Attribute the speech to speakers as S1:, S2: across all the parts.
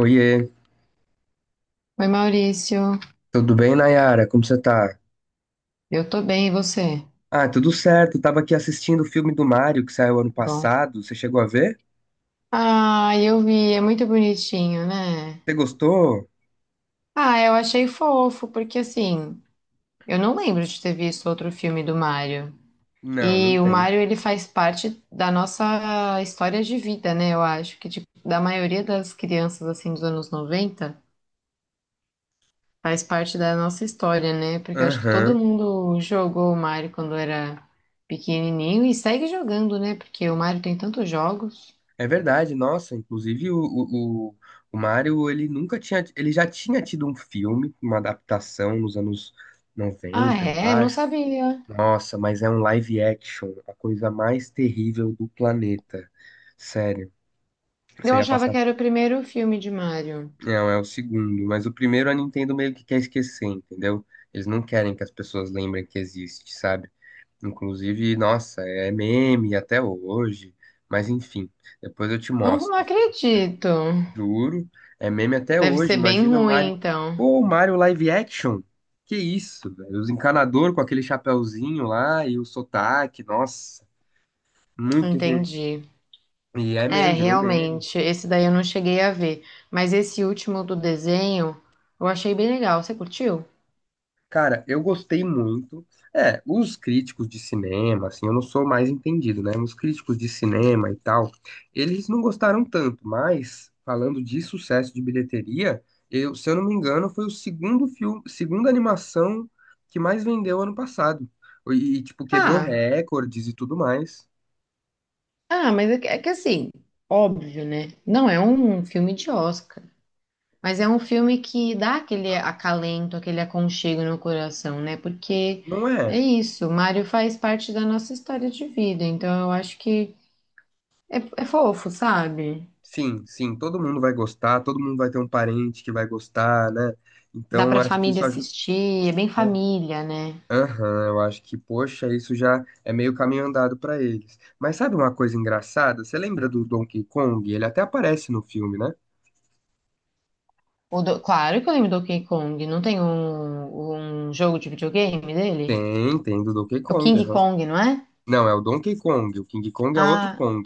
S1: Oiê,
S2: Oi, Maurício.
S1: tudo bem, Nayara? Como você tá?
S2: Eu tô bem, e você?
S1: Ah, tudo certo. Tava aqui assistindo o filme do Mario que saiu ano
S2: Bom.
S1: passado. Você chegou a ver?
S2: Ah, eu vi, é muito bonitinho, né?
S1: Você gostou?
S2: Ah, eu achei fofo, porque assim, eu não lembro de ter visto outro filme do Mario.
S1: Não, não
S2: E o
S1: tem.
S2: Mario, ele faz parte da nossa história de vida, né? Eu acho que, tipo, da maioria das crianças, assim, dos anos 90 faz parte da nossa história, né? Porque eu acho que
S1: Aham.
S2: todo mundo jogou o Mario quando era pequenininho e segue jogando, né? Porque o Mario tem tantos jogos.
S1: É verdade, nossa. Inclusive, o Mario, ele nunca tinha. Ele já tinha tido um filme, uma adaptação nos anos
S2: Ah,
S1: noventa, eu
S2: é? Não
S1: acho.
S2: sabia.
S1: Nossa, mas é um live action, a coisa mais terrível do planeta. Sério. Você
S2: Eu
S1: ia
S2: achava
S1: passar.
S2: que era o primeiro filme de Mario.
S1: Não, é o segundo, mas o primeiro a Nintendo meio que quer esquecer, entendeu? Eles não querem que as pessoas lembrem que existe, sabe? Inclusive, nossa, é meme até hoje, mas enfim, depois eu te
S2: Não, não
S1: mostro.
S2: acredito.
S1: Juro, é meme até
S2: Deve
S1: hoje.
S2: ser bem
S1: Imagina o
S2: ruim,
S1: Mario.
S2: então.
S1: Pô, o Mario live action? Que isso, velho? Os encanador com aquele chapéuzinho lá e o sotaque, nossa, muito ruim.
S2: Entendi.
S1: E é
S2: É,
S1: meme, virou meme.
S2: realmente. Esse daí eu não cheguei a ver. Mas esse último do desenho eu achei bem legal. Você curtiu?
S1: Cara, eu gostei muito. É, os críticos de cinema, assim, eu não sou mais entendido, né? Os críticos de cinema e tal, eles não gostaram tanto, mas falando de sucesso de bilheteria, eu, se eu não me engano, foi o segundo filme, segunda animação que mais vendeu ano passado. E, tipo, quebrou
S2: Ah,
S1: recordes e tudo mais.
S2: ah, mas é que, assim, óbvio, né? Não é um filme de Oscar. Mas é um filme que dá aquele acalento, aquele aconchego no coração, né? Porque
S1: Não
S2: é
S1: é?
S2: isso, o Mário faz parte da nossa história de vida, então eu acho que é fofo, sabe?
S1: Sim, sim, todo mundo vai gostar, todo mundo vai ter um parente que vai gostar, né?
S2: Dá
S1: Então,
S2: pra
S1: acho que
S2: família
S1: isso ajuda.
S2: assistir, é bem família, né?
S1: Aham, eu acho que, poxa, isso já é meio caminho andado pra eles. Mas sabe uma coisa engraçada? Você lembra do Donkey Kong? Ele até aparece no filme, né?
S2: Claro que eu lembro do Donkey Kong, não tem um jogo de videogame dele?
S1: Tem, tem do Donkey
S2: É o
S1: Kong,
S2: King
S1: aham.
S2: Kong, não é?
S1: Não, é o Donkey Kong, o King Kong é outro
S2: Ah,
S1: Kong.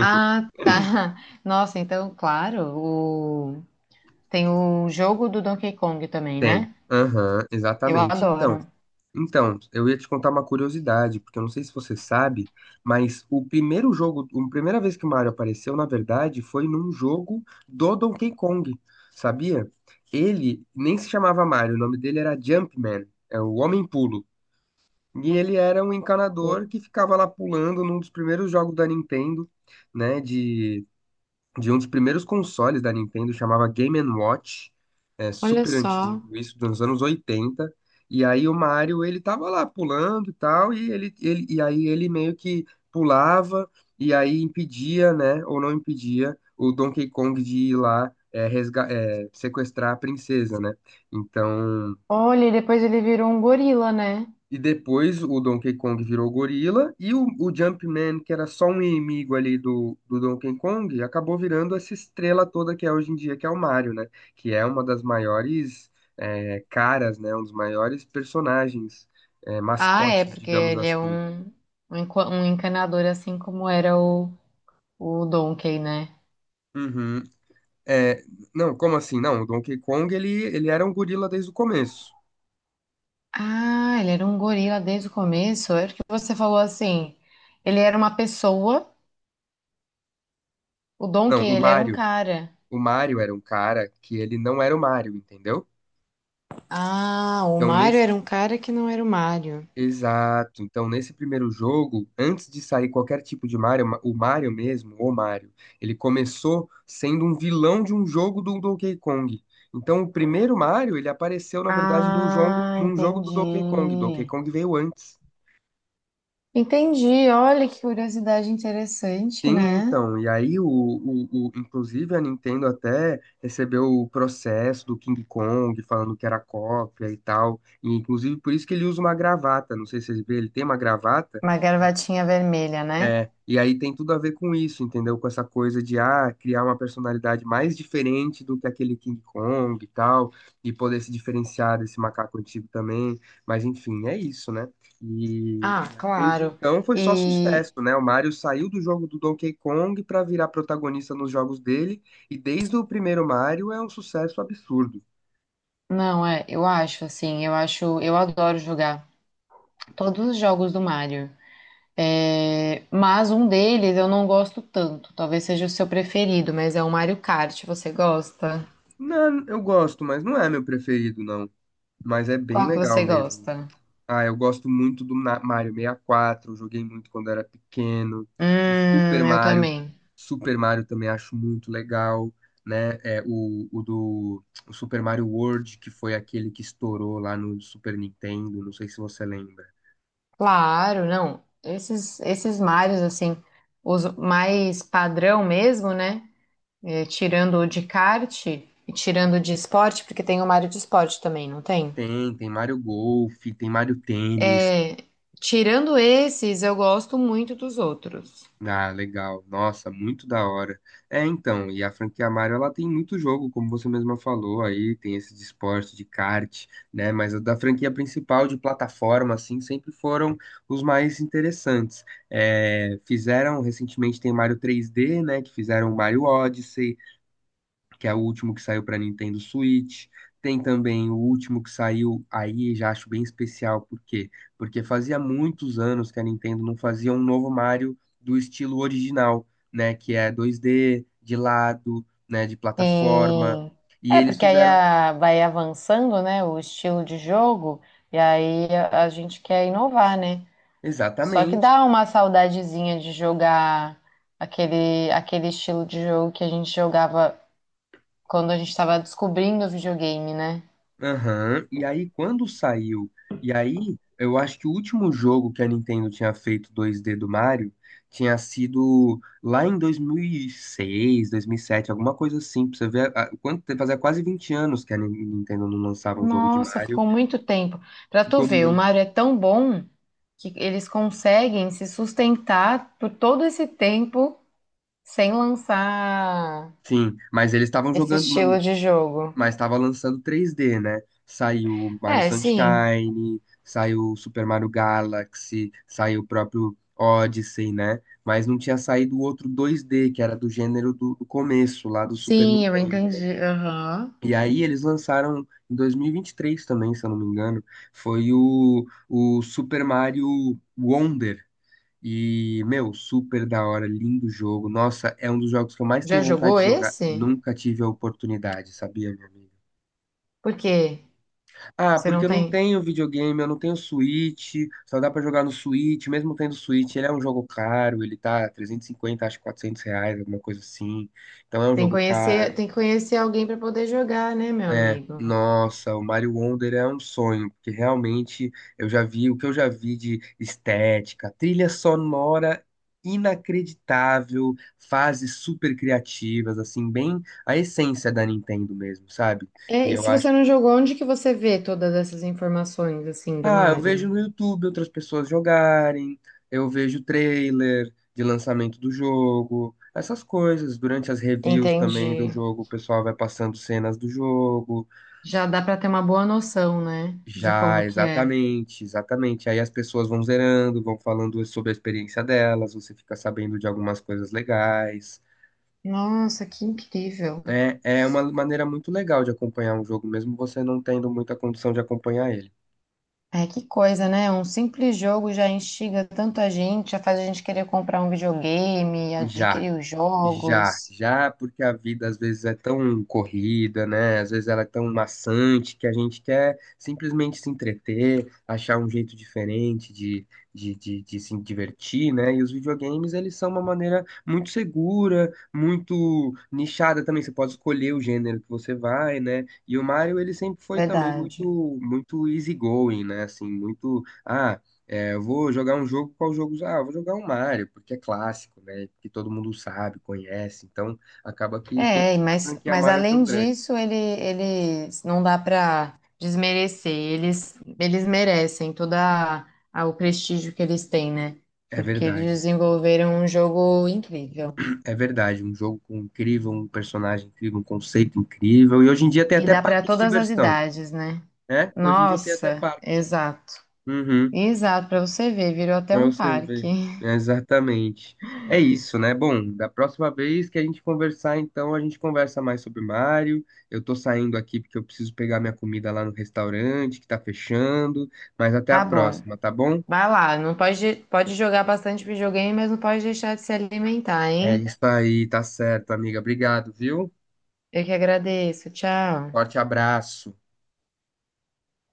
S2: ah, tá. Nossa, então, claro, o... tem o jogo do Donkey Kong também,
S1: Tem,
S2: né?
S1: aham,
S2: Eu
S1: exatamente.
S2: adoro.
S1: Então. Então, eu ia te contar uma curiosidade, porque eu não sei se você sabe, mas o primeiro jogo, a primeira vez que o Mario apareceu, na verdade, foi num jogo do Donkey Kong, sabia? Ele nem se chamava Mario, o nome dele era Jumpman, é o Homem Pulo. E ele era um encanador que ficava lá pulando num dos primeiros jogos da Nintendo, né, de um dos primeiros consoles da Nintendo, chamava Game Watch, é
S2: Olha
S1: super antigo,
S2: só.
S1: isso dos anos 80. E aí o Mario, ele tava lá pulando e tal, e ele e aí ele meio que pulava e aí impedia, né, ou não impedia o Donkey Kong de ir lá sequestrar a princesa, né? Então,
S2: Olha, e depois ele virou um gorila, né?
S1: e depois o Donkey Kong virou gorila e o Jumpman, que era só um inimigo ali do Donkey Kong, acabou virando essa estrela toda que é hoje em dia, que é o Mario, né? Que é uma das maiores caras, né? Um dos maiores personagens,
S2: Ah, é,
S1: mascotes,
S2: porque
S1: digamos
S2: ele é
S1: assim.
S2: um, um encanador, assim como era o Donkey, né?
S1: Uhum. É, não, como assim? Não, o Donkey Kong, ele era um gorila desde o começo.
S2: Ah, ele era um gorila desde o começo. É porque você falou assim, ele era uma pessoa, o
S1: Não,
S2: Donkey,
S1: o
S2: ele era um
S1: Mario.
S2: cara.
S1: O Mario era um cara que ele não era o Mario, entendeu?
S2: Ah, o
S1: Então,
S2: Mario
S1: nesse
S2: era um cara que não era o Mario.
S1: Exato. Então, nesse primeiro jogo, antes de sair qualquer tipo de Mario, o Mario mesmo, o Mario, ele começou sendo um vilão de um jogo do Donkey Kong. Então, o primeiro Mario, ele apareceu, na verdade,
S2: Ah,
S1: num jogo do Donkey Kong. Donkey
S2: entendi.
S1: Kong veio antes.
S2: Entendi, olha que curiosidade interessante,
S1: Sim,
S2: né?
S1: então. E aí, inclusive, a Nintendo até recebeu o processo do King Kong, falando que era cópia e tal. E, inclusive, por isso que ele usa uma gravata. Não sei se vocês viram, ele tem uma gravata.
S2: Uma gravatinha vermelha, né?
S1: É, e aí tem tudo a ver com isso, entendeu? Com essa coisa de ah, criar uma personalidade mais diferente do que aquele King Kong e tal, e poder se diferenciar desse macaco antigo também. Mas enfim, é isso, né? E,
S2: Ah,
S1: desde
S2: claro.
S1: então foi só
S2: E
S1: sucesso, né? O Mario saiu do jogo do Donkey Kong para virar protagonista nos jogos dele, e desde o primeiro Mario é um sucesso absurdo.
S2: não, é, eu acho, eu adoro jogar todos os jogos do Mario. É, mas um deles eu não gosto tanto. Talvez seja o seu preferido, mas é o Mario Kart. Você gosta?
S1: Não, eu gosto, mas não é meu preferido, não. Mas é bem
S2: Qual que
S1: legal
S2: você
S1: mesmo.
S2: gosta?
S1: Ah, eu gosto muito do Mario 64, eu joguei muito quando era pequeno. O Super
S2: Eu
S1: Mario,
S2: também.
S1: Super Mario também acho muito legal, né? É, o Super Mario World, que foi aquele que estourou lá no Super Nintendo, não sei se você lembra.
S2: Claro, não. Esses Marios, assim, os mais padrão mesmo, né? É, tirando o de kart e tirando o de esporte, porque tem o Mario de esporte também, não tem?
S1: Tem, tem Mario Golf, tem Mario Tênis,
S2: É, tirando esses, eu gosto muito dos outros.
S1: ah, legal. Nossa, muito da hora. É, então, e a franquia Mario, ela tem muito jogo, como você mesma falou, aí tem esse de esporte, de kart, né? Mas a da franquia principal de plataforma, assim, sempre foram os mais interessantes. É, fizeram, recentemente tem Mario 3D, né? Que fizeram o Mario Odyssey, que é o último que saiu para Nintendo Switch. Tem também o último que saiu aí, já acho bem especial, por quê? Porque fazia muitos anos que a Nintendo não fazia um novo Mario do estilo original, né, que é 2D, de lado, né, de plataforma,
S2: Sim.
S1: e
S2: É,
S1: eles
S2: porque aí
S1: fizeram.
S2: vai avançando, né, o estilo de jogo, e aí a gente quer inovar, né? Só que
S1: Exatamente.
S2: dá uma saudadezinha de jogar aquele estilo de jogo que a gente jogava quando a gente estava descobrindo o videogame, né?
S1: Aham. E aí, quando saiu, eu acho que o último jogo que a Nintendo tinha feito dois d do Mario tinha sido lá em 2006, 2007, alguma coisa assim, pra você ver, quanto tempo, fazia quase 20 anos que a Nintendo não lançava um jogo de
S2: Nossa,
S1: Mario,
S2: ficou muito tempo. Pra tu
S1: ficou
S2: ver, o
S1: muito.
S2: Mario é tão bom que eles conseguem se sustentar por todo esse tempo sem lançar
S1: Sim, mas eles estavam
S2: esse
S1: jogando,
S2: estilo de jogo.
S1: mas estava lançando 3D, né? Saiu Mario
S2: É, sim.
S1: Sunshine, saiu Super Mario Galaxy, saiu o próprio Odyssey, né? Mas não tinha saído o outro 2D, que era do gênero do começo, lá do Super
S2: Sim, eu
S1: Nintendo, né?
S2: entendi. Aham.
S1: E aí eles lançaram em 2023 também, se eu não me engano, foi o Super Mario Wonder. E, meu, super da hora, lindo jogo. Nossa, é um dos jogos que eu mais
S2: Já
S1: tenho vontade
S2: jogou
S1: de jogar.
S2: esse?
S1: Nunca tive a oportunidade, sabia, meu amigo?
S2: Por quê?
S1: Ah,
S2: Você
S1: porque
S2: não
S1: eu não
S2: tem.
S1: tenho videogame, eu não tenho Switch, só dá pra jogar no Switch, mesmo tendo Switch, ele é um jogo caro, ele tá 350, acho R$ 400, alguma coisa assim, então é um jogo caro,
S2: Tem que conhecer alguém para poder jogar, né, meu
S1: né?
S2: amigo?
S1: Nossa, o Mario Wonder é um sonho, porque realmente eu já vi o que eu já vi de estética, trilha sonora inacreditável, fases super criativas, assim, bem a essência da Nintendo mesmo, sabe?
S2: É,
S1: E
S2: e
S1: eu
S2: se
S1: acho.
S2: você não jogou, onde que você vê todas essas informações, assim, do
S1: Ah, eu vejo
S2: Mario?
S1: no YouTube outras pessoas jogarem, eu vejo trailer de lançamento do jogo, essas coisas. Durante as reviews também do
S2: Entendi.
S1: jogo, o pessoal vai passando cenas do jogo.
S2: Já dá para ter uma boa noção, né, de
S1: Já,
S2: como que é.
S1: exatamente, exatamente. Aí as pessoas vão zerando, vão falando sobre a experiência delas, você fica sabendo de algumas coisas legais.
S2: Nossa, que incrível.
S1: É, é uma maneira muito legal de acompanhar um jogo, mesmo você não tendo muita condição de acompanhar ele.
S2: É que coisa, né? Um simples jogo já instiga tanto a gente, já faz a gente querer comprar um videogame,
S1: Já.
S2: adquirir os
S1: Já,
S2: jogos.
S1: já, porque a vida às vezes é tão corrida, né? Às vezes ela é tão maçante que a gente quer simplesmente se entreter, achar um jeito diferente de se divertir, né? E os videogames, eles são uma maneira muito segura, muito nichada também. Você pode escolher o gênero que você vai, né? E o Mario, ele sempre foi também
S2: Verdade.
S1: muito easygoing, né? Assim, muito. Ah, é, eu vou jogar um jogo, qual jogo? Usar? Ah, eu vou jogar um Mario, porque é clássico, né? Que todo mundo sabe, conhece. Então, acaba que por
S2: É,
S1: isso que a
S2: mas,
S1: franquia Mario é tão
S2: além
S1: grande.
S2: disso, eles não dá para desmerecer. Eles merecem todo o prestígio que eles têm, né?
S1: É
S2: Porque eles
S1: verdade,
S2: desenvolveram um jogo incrível.
S1: é verdade. Um jogo com incrível, um personagem incrível, um conceito incrível. E hoje em dia tem
S2: E
S1: até
S2: dá para
S1: parque de
S2: todas as
S1: diversão,
S2: idades, né?
S1: né? Hoje em dia tem até
S2: Nossa,
S1: parque.
S2: exato.
S1: Uhum.
S2: Exato, para você ver, virou até
S1: Pra
S2: um
S1: você
S2: parque.
S1: ver. Exatamente. É isso, né? Bom, da próxima vez que a gente conversar, então, a gente conversa mais sobre Mario. Eu tô saindo aqui porque eu preciso pegar minha comida lá no restaurante, que tá fechando. Mas até a
S2: Tá bom.
S1: próxima, tá bom?
S2: Vai lá, não pode, pode jogar bastante videogame, mas não pode deixar de se alimentar,
S1: É
S2: hein?
S1: isso aí, tá certo, amiga. Obrigado, viu?
S2: Eu que agradeço. Tchau.
S1: Forte abraço.